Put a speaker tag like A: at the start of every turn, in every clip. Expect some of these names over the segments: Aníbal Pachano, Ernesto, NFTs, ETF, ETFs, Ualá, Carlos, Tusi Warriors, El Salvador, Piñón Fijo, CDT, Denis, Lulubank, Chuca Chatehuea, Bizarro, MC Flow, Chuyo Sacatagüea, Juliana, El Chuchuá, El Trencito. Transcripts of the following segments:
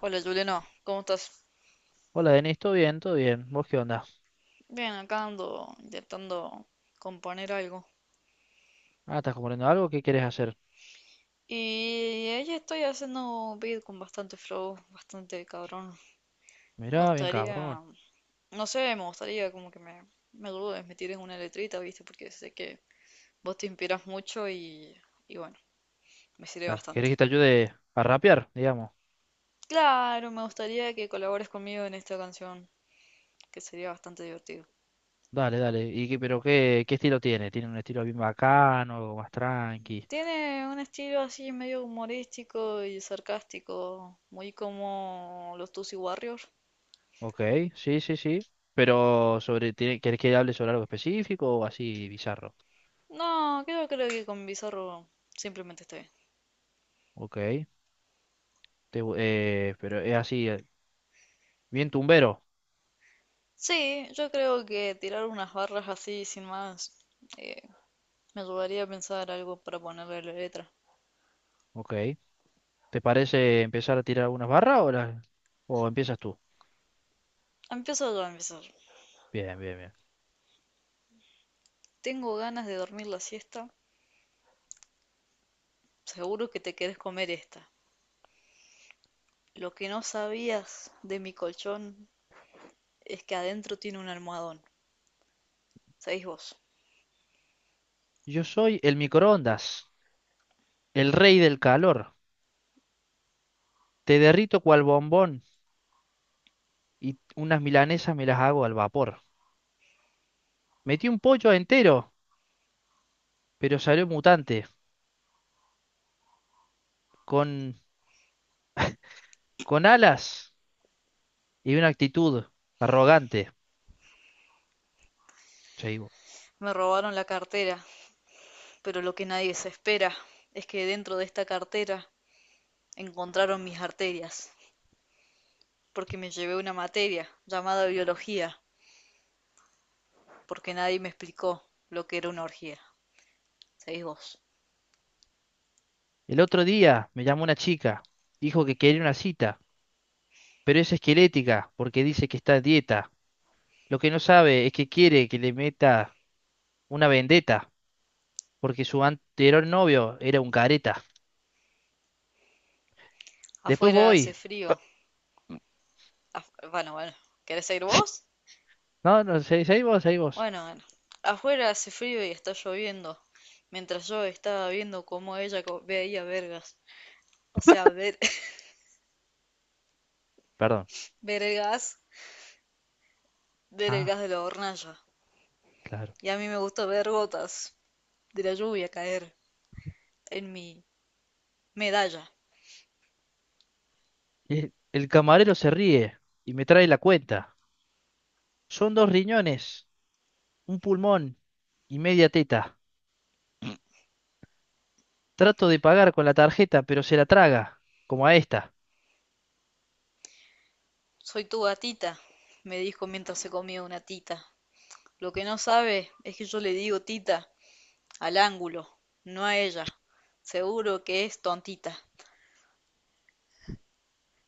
A: Hola Juliana, ¿cómo estás?
B: Hola Denis, ¿todo bien? ¿Todo bien? ¿Vos qué onda?
A: Bien, acá ando intentando componer algo.
B: Ah, ¿estás componiendo algo? ¿Qué querés hacer?
A: Y ahí estoy haciendo un beat con bastante flow, bastante cabrón. Me
B: Mirá, bien cabrón.
A: gustaría, no sé, me gustaría como que me ayudes, me tires una letrita, ¿viste? Porque sé que vos te inspiras mucho y bueno, me sirve
B: Ah,
A: bastante.
B: ¿querés que te ayude a rapear, digamos?
A: Claro, me gustaría que colabores conmigo en esta canción, que sería bastante divertido.
B: Dale, dale. ¿Y qué, pero qué, qué estilo tiene? ¿Tiene un estilo bien bacano, algo más tranqui?
A: Tiene un estilo así medio humorístico y sarcástico, muy como los Tusi Warriors.
B: Ok, sí, sí, sí. Pero sobre, tiene- ¿querés que hable sobre algo específico o así bizarro?
A: No, creo, creo que con Bizarro simplemente está bien.
B: Ok. Te gu- pero es así, bien tumbero.
A: Sí, yo creo que tirar unas barras así sin más eh, me ayudaría a pensar algo para ponerle a la letra.
B: Ok. ¿Te parece empezar a tirar algunas barras o, las- o empiezas tú?
A: Empiezo yo a empezar.
B: Bien, bien, bien.
A: Tengo ganas de dormir la siesta. Seguro que te querés comer esta. Lo que no sabías de mi colchón es que adentro tiene un almohadón. Sabéis vos.
B: Yo soy el microondas. El rey del calor. Te derrito cual bombón y unas milanesas me las hago al vapor. Metí un pollo entero, pero salió mutante, con, con alas y una actitud arrogante. Chaibo.
A: Me robaron la cartera. Pero lo que nadie se espera es que dentro de esta cartera encontraron mis arterias, porque me llevé una materia llamada biología, porque nadie me explicó lo que era una orgía. Seguís vos.
B: El otro día me llamó una chica, dijo que quería una cita, pero es esquelética porque dice que está a dieta. Lo que no sabe es que quiere que le meta una vendetta, porque su anterior novio era un careta. Después
A: Afuera hace
B: voy.
A: frío. Bueno, bueno. ¿Querés seguir vos?
B: No, no, se- seguí vos, seguí vos.
A: Bueno, bueno. Afuera hace frío y está lloviendo, mientras yo estaba viendo cómo ella veía vergas. O sea, ver,
B: Perdón.
A: ver el gas, ver el
B: Ah.
A: gas de la hornalla.
B: Claro.
A: Y a mí me gusta ver gotas de la lluvia caer en mi Medalla,
B: El camarero se ríe y me trae la cuenta. Son dos riñones, un pulmón y media teta. Trato de pagar con la tarjeta, pero se la traga, como a esta.
A: soy tu gatita, me dijo mientras se comía una tita. Lo que no sabe es que yo le digo tita al ángulo, no a ella. Seguro que es tontita.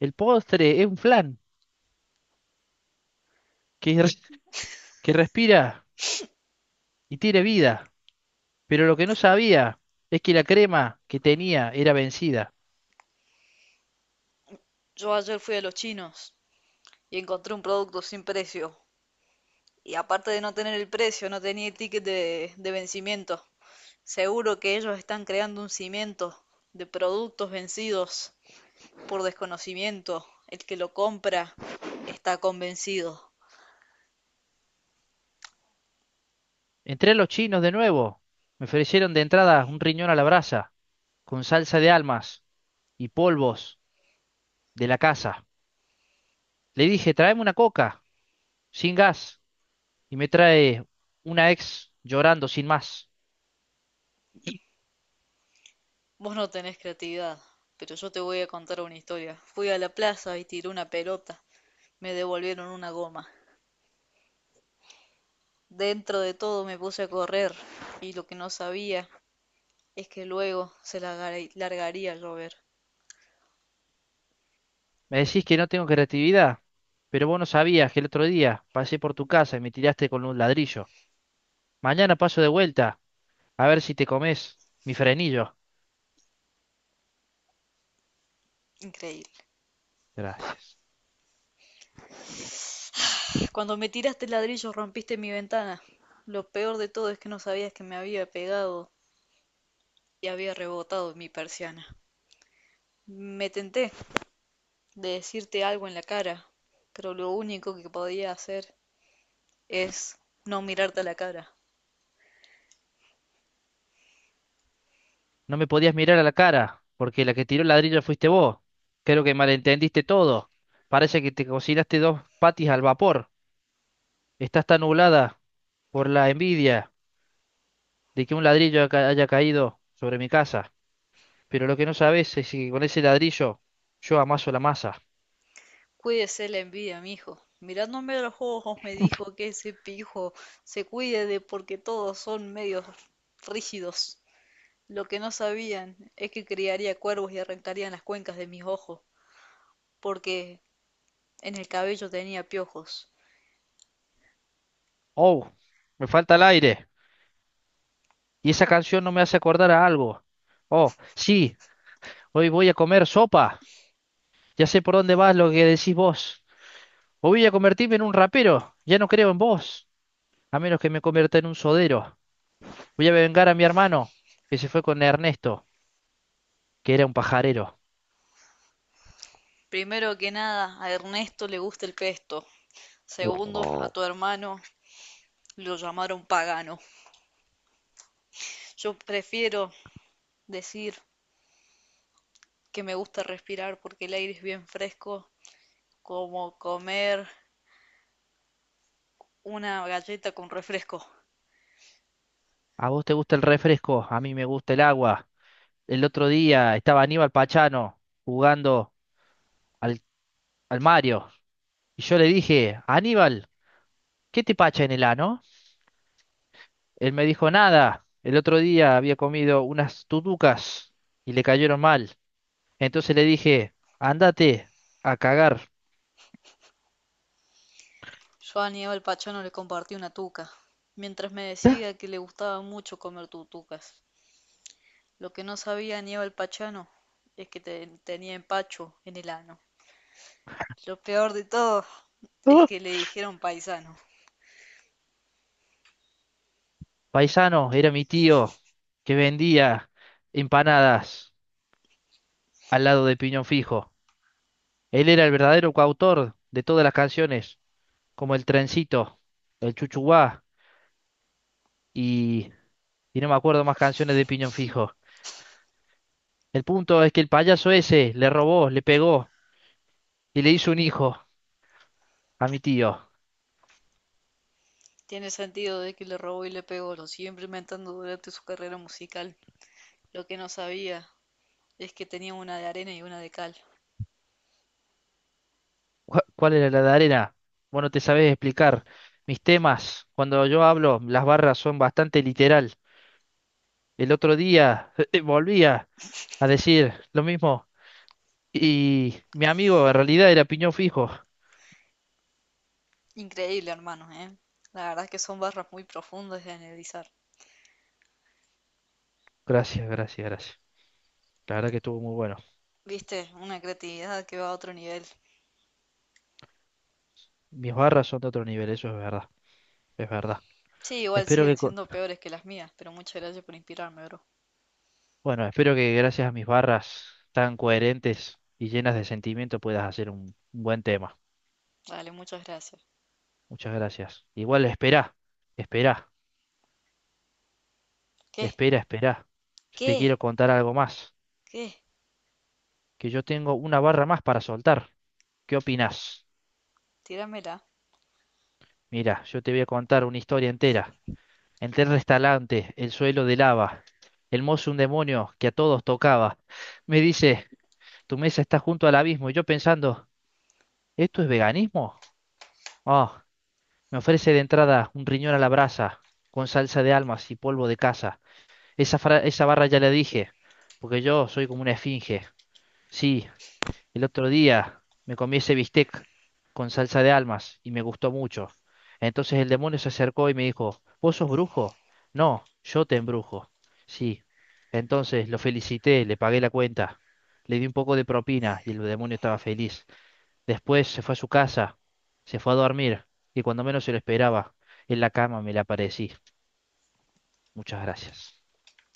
B: El postre es un flan que, res- que respira y tiene vida, pero lo que no sabía es que la crema que tenía era vencida.
A: Yo ayer fui a los chinos y encontré un producto sin precio. Y aparte de no tener el precio, no tenía el ticket de vencimiento. Seguro que ellos están creando un cimiento de productos vencidos por desconocimiento. El que lo compra está convencido.
B: Entré a los chinos de nuevo. Me ofrecieron de entrada un riñón a la brasa, con salsa de almas y polvos de la casa. Le dije, tráeme una coca, sin gas. Y me trae una ex llorando sin más.
A: Vos no tenés creatividad, pero yo te voy a contar una historia. Fui a la plaza y tiré una pelota. Me devolvieron una goma. Dentro de todo me puse a correr y lo que no sabía es que luego largaría a llover.
B: Me decís que no tengo creatividad, pero vos no sabías que el otro día pasé por tu casa y me tiraste con un ladrillo. Mañana paso de vuelta, a ver si te comes mi frenillo.
A: Increíble.
B: Gracias.
A: Cuando me tiraste el ladrillo rompiste mi ventana. Lo peor de todo es que no sabías que me había pegado y había rebotado en mi persiana. Me tenté de decirte algo en la cara, pero lo único que podía hacer es no mirarte a la cara.
B: No me podías mirar a la cara, porque la que tiró el ladrillo fuiste vos. Creo que malentendiste todo. Parece que te cocinaste dos patis al vapor. Estás tan nublada por la envidia de que un ladrillo ca- haya caído sobre mi casa. Pero lo que no sabes es que con ese ladrillo yo amaso la masa.
A: Cuídese la envidia, mijo. Mirándome a los ojos me dijo que ese pijo se cuide de porque todos son medios rígidos. Lo que no sabían es que criaría cuervos y arrancarían las cuencas de mis ojos, porque en el cabello tenía piojos.
B: Oh, me falta el aire. Y esa canción no me hace acordar a algo. Oh, sí, hoy voy a comer sopa. Ya sé por dónde vas lo que decís vos. O voy a convertirme en un rapero. Ya no creo en vos. A menos que me convierta en un sodero. Voy a vengar a mi hermano, que se fue con Ernesto, que era un pajarero.
A: Primero que nada, a Ernesto le gusta el pesto. Segundo, a tu hermano lo llamaron pagano. Yo prefiero decir que me gusta respirar porque el aire es bien fresco, como comer una galleta con refresco.
B: A vos te gusta el refresco, a mí me gusta el agua. El otro día estaba Aníbal Pachano jugando al, al Mario. Y yo le dije, Aníbal, ¿qué te pacha en el ano? Él me dijo, nada. El otro día había comido unas tutucas y le cayeron mal. Entonces le dije, ándate a cagar.
A: Yo a Aníbal Pachano le compartí una tuca, mientras me decía que le gustaba mucho comer tutucas. Lo que no sabía Aníbal Pachano es que tenía empacho en el ano. Lo peor de todo es
B: "Ah,
A: que le dijeron paisano.
B: paisano, era mi tío que vendía empanadas al lado de Piñón Fijo. Él era el verdadero coautor de todas las canciones, como El Trencito, El Chuchuá y, y no me acuerdo más canciones de Piñón Fijo. El punto es que el payaso ese le robó, le pegó y le hizo un hijo a mi tío.
A: Tiene sentido de que le robó y le pegó, lo siguió implementando durante su carrera musical. Lo que no sabía es que tenía una de arena y una de cal.
B: Cu- ¿Cuál era la de arena? Vos no te sabés explicar. Mis temas, cuando yo hablo, las barras son bastante literal. El otro día volvía a decir lo mismo y mi amigo en realidad era piñón fijo.
A: Increíble, hermanos, ¿eh? La verdad es que son barras muy profundas de analizar.
B: Gracias, gracias, gracias. La verdad que estuvo muy bueno.
A: Viste, una creatividad que va a otro nivel.
B: Mis barras son de otro nivel, eso es verdad, es verdad.
A: Sí, igual
B: Espero
A: siguen
B: que, co-
A: siendo peores que las mías, pero muchas gracias por inspirarme, bro.
B: bueno, espero que gracias a mis barras tan coherentes y llenas de sentimiento puedas hacer un buen tema.
A: Dale, muchas gracias.
B: Muchas gracias. Igual esperá, esperá,
A: ¿Qué?
B: espera, esperá. Yo te
A: ¿Qué?
B: quiero contar algo más,
A: ¿Qué?
B: que yo tengo una barra más para soltar. ¿Qué opinás?
A: Tíramela.
B: Mira, yo te voy a contar una historia entera. Entré al restaurante, el suelo de lava, el mozo un demonio que a todos tocaba. Me dice, tu mesa está junto al abismo, y yo pensando, ¿esto es veganismo? Ah, me ofrece de entrada un riñón a la brasa, con salsa de almas y polvo de casa. Esa, fra- esa barra ya la dije, porque yo soy como una esfinge. Sí, el otro día me comí ese bistec con salsa de almas y me gustó mucho. Entonces el demonio se acercó y me dijo, ¿vos sos brujo? No, yo te embrujo. Sí. Entonces lo felicité, le pagué la cuenta, le di un poco de propina y el demonio estaba feliz. Después se fue a su casa, se fue a dormir y cuando menos se lo esperaba, en la cama me le aparecí. Muchas gracias.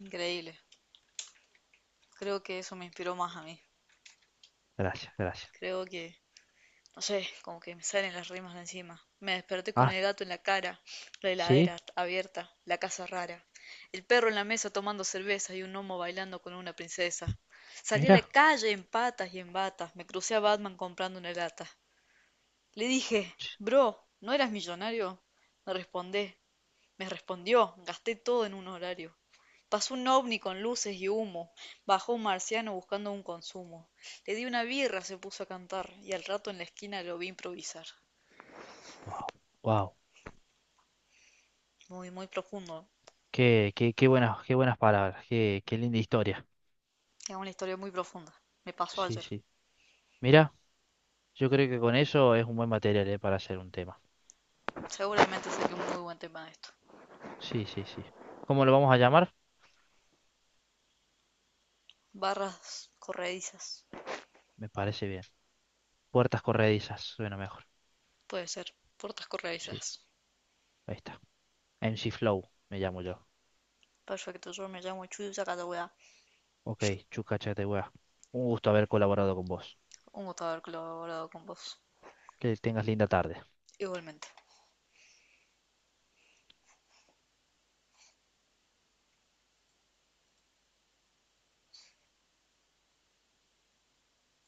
A: Increíble. Creo que eso me inspiró más a mí.
B: Gracias, gracias.
A: Creo que, no sé, como que me salen las rimas de encima. Me desperté con
B: Ah,
A: el gato en la cara, la
B: sí,
A: heladera abierta, la casa rara, el perro en la mesa tomando cerveza y un homo bailando con una princesa. Salí a la
B: mira.
A: calle en patas y en batas, me crucé a Batman comprando una lata. Le dije, bro, ¿no eras millonario? Me respondé, me respondió, gasté todo en un horario. Pasó un ovni con luces y humo, bajó un marciano buscando un consumo. Le di una birra, se puso a cantar, y al rato en la esquina lo vi improvisar.
B: Wow,
A: Muy, muy profundo.
B: qué, qué, qué buenas palabras, qué, qué linda historia.
A: Es una historia muy profunda. Me pasó
B: Sí,
A: ayer.
B: sí. Mira, yo creo que con eso es un buen material, para hacer un tema.
A: Seguramente saqué un muy buen tema de esto.
B: Sí, sí, sí. ¿Cómo lo vamos a llamar?
A: Barras corredizas.
B: Me parece bien. Puertas corredizas, suena mejor.
A: Puede ser. Puertas
B: Sí,
A: corredizas.
B: ahí está. MC Flow, me llamo yo.
A: Perfecto, yo me llamo Chuyo Sacatagüea.
B: Ok, Chuca Chatehuea. Un gusto haber colaborado con vos.
A: Un gusto haber colaborado con vos.
B: Que tengas linda tarde.
A: Igualmente.